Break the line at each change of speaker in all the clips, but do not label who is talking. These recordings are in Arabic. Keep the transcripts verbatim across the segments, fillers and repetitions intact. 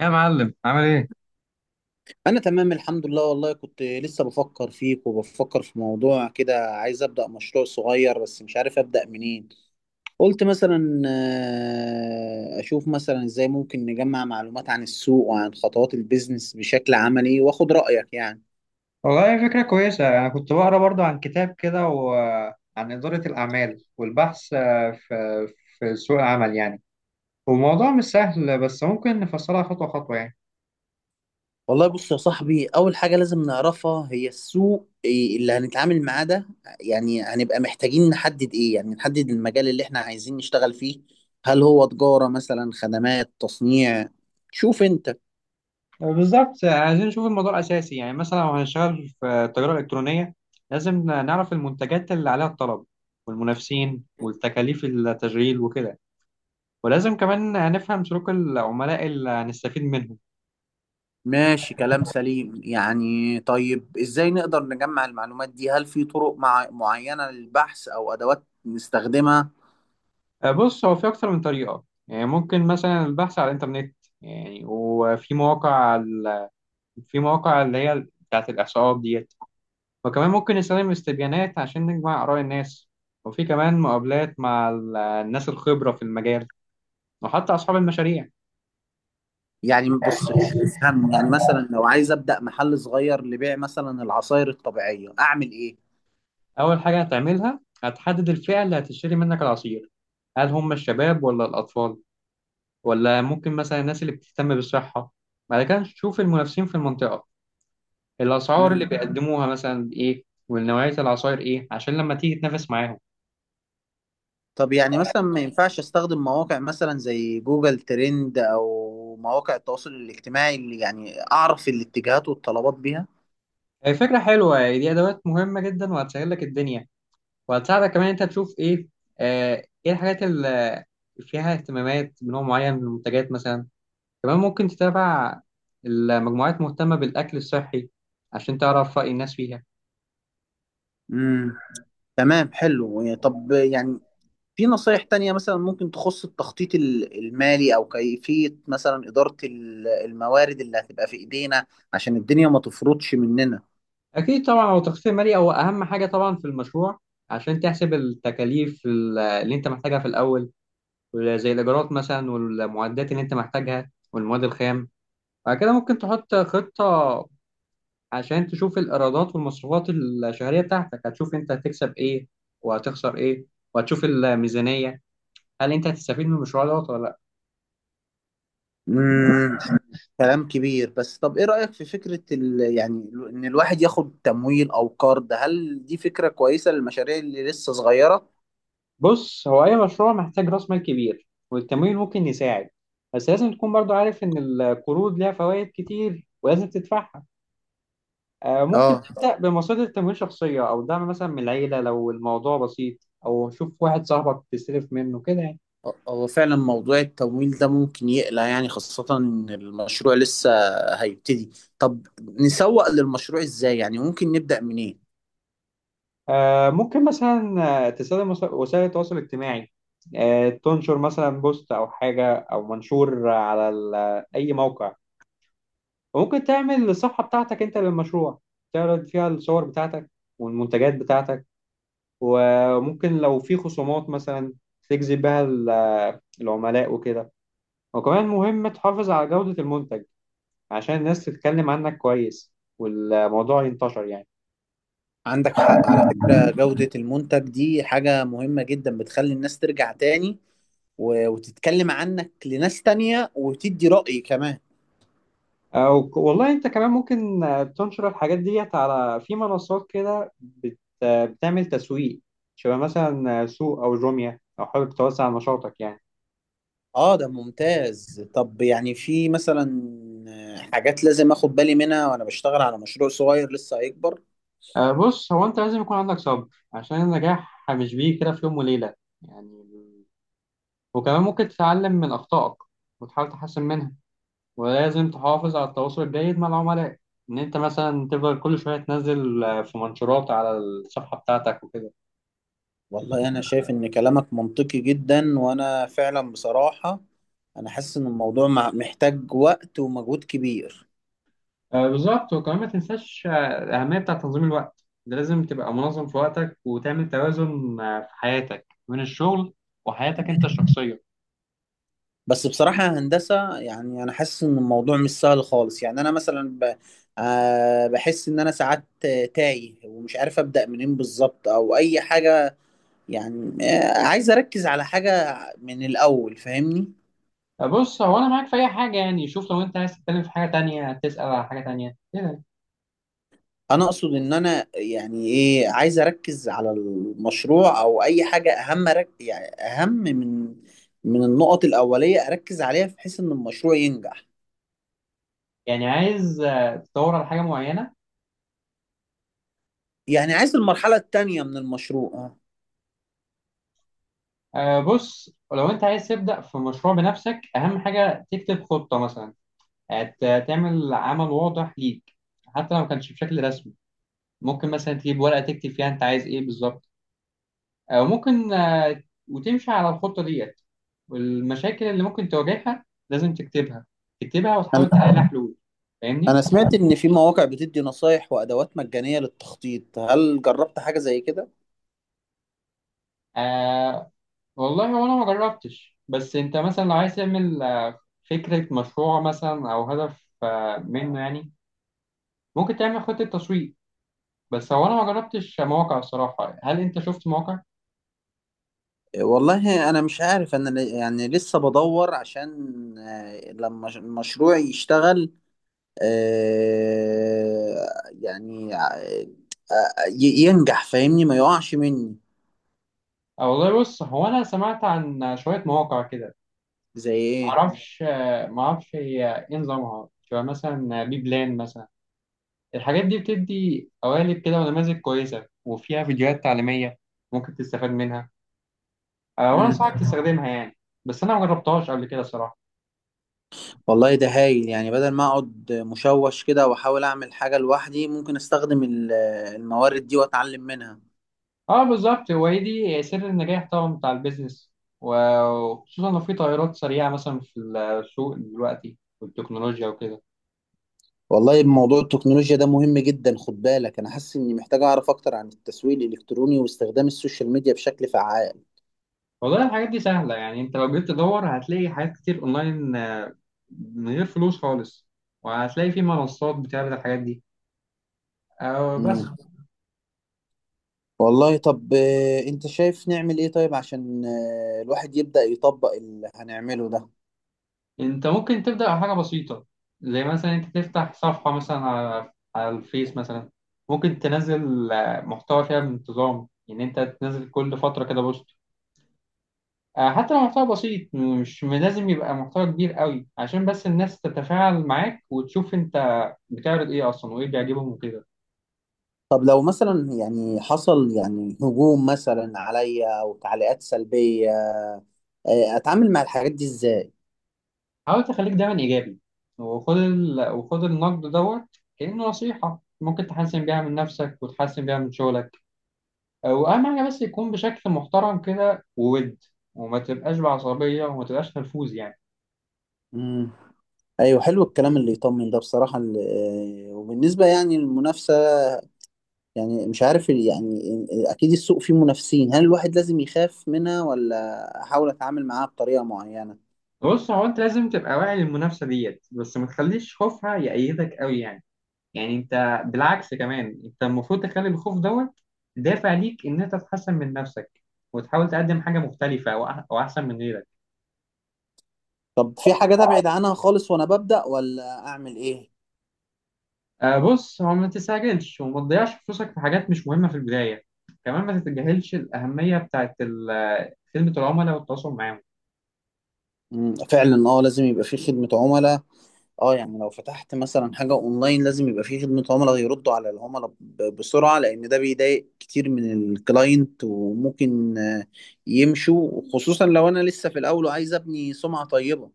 يا معلم عامل ايه؟
انا تمام، الحمد لله. والله كنت لسه بفكر فيك وبفكر في موضوع كده، عايز ابدا مشروع صغير بس مش عارف ابدا منين. قلت مثلا آه، اشوف مثلا ازاي ممكن نجمع معلومات عن السوق وعن خطوات البيزنس بشكل عملي واخد رايك يعني.
والله فكرة كويسة، أنا كنت بقرأ برضو عن كتاب كده وعن إدارة الأعمال والبحث آه، في في سوق العمل يعني. والموضوع مش سهل بس ممكن نفصلها خطوة خطوة يعني.
والله بص يا صاحبي، اول حاجه لازم نعرفها هي السوق إيه اللي هنتعامل معاه ده. يعني هنبقى محتاجين نحدد ايه، يعني نحدد المجال اللي احنا عايزين نشتغل فيه. هل هو تجاره مثلا، خدمات، تصنيع؟ شوف انت.
بالظبط، عايزين نشوف الموضوع الأساسي، يعني مثلا لو هنشتغل في التجارة الإلكترونية لازم نعرف المنتجات اللي عليها الطلب والمنافسين والتكاليف التشغيل وكده. ولازم كمان نفهم سلوك العملاء اللي هنستفيد منهم.
ماشي، كلام سليم يعني. طيب ازاي نقدر نجمع المعلومات دي؟ هل في طرق مع معينة للبحث او ادوات نستخدمها؟
آه، بص، هو في أكتر من طريقة، يعني ممكن مثلا البحث على الإنترنت يعني. وفي مواقع على- في مواقع اللي هي بتاعة الإحصاءات ديت. وكمان ممكن نستخدم استبيانات عشان نجمع آراء الناس. وفي كمان مقابلات مع ال- الناس الخبرة في المجال، وحتى أصحاب المشاريع.
يعني بص، افهم يعني مثلا لو عايز ابدأ محل صغير لبيع مثلا العصائر الطبيعية، اعمل ايه؟
أول حاجة هتعملها هتحدد الفئة اللي هتشتري منك العصير، هل هم الشباب ولا الأطفال، ولا ممكن مثلا الناس اللي بتهتم بالصحة. بعد كده تشوف المنافسين في المنطقة، الأسعار اللي
مم.
بيقدموها مثلا إيه، والنوعية العصاير إيه، عشان لما تيجي تنافس معاهم.
طب يعني مثلا ما ينفعش استخدم مواقع مثلا زي جوجل ترند او مواقع التواصل الاجتماعي اللي يعني اعرف الاتجاهات والطلبات بيها؟
هي فكرة حلوة دي، أدوات مهمة جدا وهتسهل لك الدنيا، وهتساعدك كمان أنت تشوف إيه. آه، إيه الحاجات اللي فيها اهتمامات بنوع معين من المنتجات مثلا. كمان ممكن تتابع المجموعات مهتمة بالأكل الصحي عشان تعرف رأي الناس فيها.
امم. تمام، حلو. طب يعني في نصايح تانية مثلا ممكن تخص التخطيط ال- المالي، أو كيفية مثلا إدارة ال- الموارد اللي هتبقى في إيدينا عشان الدنيا ما تفرطش مننا؟
أكيد طبعا، هو التخفيض المالي هو أهم حاجة طبعا في المشروع، عشان تحسب التكاليف اللي أنت محتاجها في الأول، زي الإيجارات مثلا والمعدات اللي أنت محتاجها والمواد الخام. بعد كده ممكن تحط خطة عشان تشوف الإيرادات والمصروفات الشهرية بتاعتك، هتشوف أنت هتكسب إيه وهتخسر إيه، وهتشوف الميزانية، هل أنت هتستفيد من المشروع دوت ولا لأ.
مم. كلام كبير. بس طب إيه رأيك في فكرة ال... يعني ال- إن الواحد ياخد تمويل أو قرض؟ هل دي فكرة كويسة للمشاريع اللي لسه صغيرة؟
بص، هو أي مشروع محتاج رأس مال كبير، والتمويل ممكن يساعد، بس لازم تكون برضو عارف إن القروض ليها فوائد كتير ولازم تدفعها. آه، ممكن
اه،
تبدأ بمصادر تمويل شخصية أو دعم مثلا من العيلة لو الموضوع بسيط، أو شوف واحد صاحبك تستلف منه كده يعني.
هو فعلا موضوع التمويل ده ممكن يقلق يعني، خاصة إن المشروع لسه هيبتدي. طب نسوق للمشروع إزاي؟ يعني ممكن نبدأ منين؟
آه، ممكن مثلا آه، تستخدم وس- وسائل التواصل الاجتماعي. آه، تنشر مثلا بوست أو حاجة أو منشور على ال- أي موقع. وممكن تعمل الصفحة بتاعتك أنت للمشروع، تعرض فيها الصور بتاعتك والمنتجات بتاعتك. وممكن لو في خصومات مثلا تجذب بها ال- العملاء وكده. وكمان مهم تحافظ على جودة المنتج عشان الناس تتكلم عنك كويس والموضوع ينتشر يعني.
عندك حق على فكرة، جودة المنتج دي حاجة مهمة جدا، بتخلي الناس ترجع تاني و- وتتكلم عنك لناس تانية وتدي رأي كمان.
أو ك- والله أنت كمان ممكن آه، تنشر الحاجات ديت على في منصات كده بت... آه، بتعمل تسويق شبه مثلا آه، سوق أو جوميا لو حابب توسع نشاطك يعني.
اه ده ممتاز. طب يعني في مثلا حاجات لازم اخد بالي منها وانا بشتغل على مشروع صغير لسه هيكبر؟
آه، بص، هو أنت لازم يكون عندك صبر، عشان النجاح مش بيجي كده في يوم وليلة يعني. وكمان ممكن تتعلم من أخطائك وتحاول تحسن منها. ولازم تحافظ على التواصل الجيد مع العملاء، ان انت مثلا تفضل كل شويه تنزل آه، في منشورات على الصفحه بتاعتك وكده.
والله انا شايف ان كلامك منطقي جدا، وانا فعلا بصراحة انا حاسس ان الموضوع مع- محتاج وقت ومجهود كبير.
آه، بالظبط، وكمان ما تنساش آه، الاهميه بتاع تنظيم الوقت ده، لازم تبقى منظم في وقتك وتعمل توازن آه، في حياتك بين الشغل وحياتك انت الشخصيه.
بس بصراحة يا هندسة يعني أنا حاسس إن الموضوع مش سهل خالص. يعني أنا مثلا ب... آه بحس إن أنا ساعات آه، تايه ومش عارف أبدأ منين بالظبط أو أي حاجة. يعني آه عايز أركز على حاجة من الأول، فاهمني؟
آه، بص، هو انا معاك في اي حاجه يعني، شوف لو انت عايز تتكلم في حاجه تانية تسال على حاجه تانية كده.
أنا أقصد إن أنا يعني إيه، عايز أركز على المشروع أو أي حاجة أهم، رك... يعني أهم من من النقط الأولية أركز عليها بحيث إن المشروع ينجح.
يعني عايز آه، تدور على حاجه معينه.
يعني عايز المرحلة التانية من المشروع.
آه، بص، لو انت عايز تبدا في مشروع بنفسك، اهم حاجه تكتب خطه مثلا. هت- تعمل عمل واضح ليك، حتى لو ما كانش بشكل رسمي. ممكن مثلا تجيب ورقة تكتب فيها انت عايز ايه بالظبط، او ممكن آه، وتمشي على الخطة ديت. والمشاكل اللي ممكن تواجهها لازم تكتبها، تكتبها وتحاول
آه.
تحل حلول. فاهمني.
أنا سمعت إن في مواقع بتدي نصايح وأدوات مجانية للتخطيط، هل جربت حاجة زي كده؟
آه، والله هو انا ما جربتش، بس انت مثلا لو عايز تعمل آه، فكرة مشروع مثلا او هدف آه، منه يعني، ممكن تعمل خطة تسويق. بس هو انا ما جربتش مواقع الصراحة، هل انت شفت مواقع؟
والله أنا مش عارف، أنا ل- يعني لسه بدور عشان آه، لما ش- المشروع يشتغل، آه، يعني آه، آه، ي- ينجح، فاهمني؟ ما يقعش مني.
أه، والله بص، هو أنا سمعت عن شوية مواقع كده.
زي إيه؟
معرفش آه، معرفش هي إيه نظامها، شبه مثلا بي بلان مثلا. الحاجات دي بتدي قوالب كده ونماذج كويسة وفيها فيديوهات تعليمية، ممكن تستفاد منها. أه، وأنا
مم.
أنصحك تستخدمها يعني. بس أنا مجربتهاش قبل كده صراحة.
والله ده هايل، يعني بدل ما أقعد مشوش كده وأحاول أعمل حاجة لوحدي، ممكن أستخدم ال- الموارد دي وأتعلم منها.
أه بالظبط، وهي دي سر النجاح طبعا بتاع البيزنس، و- وخصوصا لو في تغيرات سريعة مثلا في السوق دلوقتي والتكنولوجيا وكده.
والله موضوع التكنولوجيا ده مهم جدا، خد بالك، انا حاسس اني محتاج اعرف اكتر عن التسويق الالكتروني واستخدام السوشيال ميديا بشكل فعال.
والله الحاجات دي سهلة يعني، انت لو جيت تدور هتلاقي حاجات كتير اونلاين من غير فلوس خالص. وهتلاقي في منصات بتعرض الحاجات دي أو بس.
مم. والله طب آه، انت شايف نعمل ايه طيب عشان آه، الواحد يبدأ يطبق اللي هنعمله ده؟
انت ممكن تبدأ بحاجة بسيطة، زي مثلا انت تفتح صفحة مثلا على على الفيس مثلا. ممكن تنزل آه، محتوى فيها بانتظام، ان انت تنزل كل فترة كده بوست. آه، حتى لو محتوى بسيط مش لازم يبقى محتوى كبير قوي، عشان بس الناس تتفاعل معاك وتشوف انت بتعرض ايه اصلا وايه بيعجبهم وكده.
طب لو مثلا يعني حصل يعني هجوم مثلا عليا او تعليقات سلبية، آه، اتعامل مع الحاجات دي ازاي؟
حاول تخليك دايما إيجابي، وخد ال... وخد النقد دوت كأنه نصيحة ممكن تحسن بيها من نفسك وتحسن بيها من شغلك. وأهم حاجة بس يكون بشكل محترم كده وود، وما تبقاش بعصبية وما تبقاش نرفوز يعني.
مم. ايوه، حلو الكلام اللي يطمن ده بصراحة. ال- آه، وبالنسبة يعني للمنافسة، يعني مش عارف ال- يعني اكيد السوق فيه منافسين، هل الواحد لازم يخاف منها ولا احاول اتعامل معاها بطريقة معينة؟
بص، هو أنت لازم تبقى واعي للمنافسة ديت، بس ما تخليش خوفها يأيدك أوي يعني. يعني أنت بالعكس، كمان أنت المفروض تخلي الخوف دوت دافع ليك إن أنت تحسن من نفسك، وتحاول تقدم حاجة مختلفة وأح- وأحسن من غيرك.
طب في حاجات ابعد عنها خالص وانا ببدأ، ولا اعمل ايه؟
آه بص، هو ما تستعجلش وما تضيعش فلوسك في حاجات مش مهمة في البداية. كمان ما تتجاهلش الأهمية بتاعت ال- خدمة العملاء والتواصل معاهم.
مم، فعلا، اه لازم يبقى في خدمة عملاء. اه يعني لو فتحت مثلا حاجة اونلاين لازم يبقى في خدمة عملاء يردوا على العملاء ب- بسرعة، لان ده بيضايق كتير من الكلاينت وممكن آه، يمشوا، خصوصا لو انا لسه في الاول وعايز ابني سمعة طيبة.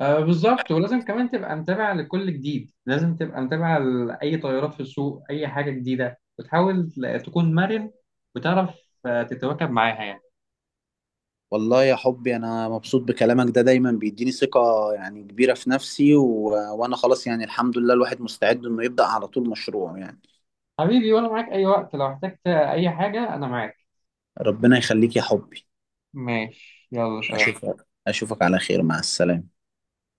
آه بالظبط، ولازم كمان تبقى متابع لكل جديد، لازم تبقى متابع لأي تغيرات في السوق أي حاجة جديدة، وتحاول ل- تكون مرن وتعرف آه، تتواكب معاها يعني.
والله يا حبي انا مبسوط بكلامك ده، دايما بيديني ثقة يعني كبيرة في نفسي. و... وانا خلاص يعني، الحمد لله، الواحد مستعد انه يبدأ على طول مشروع يعني.
حبيبي، وأنا معاك أي وقت، لو احتجت أي حاجة أنا معاك.
ربنا يخليك يا حبي.
ماشي، يلا سلام.
اشوفك اشوفك على خير، مع السلامة.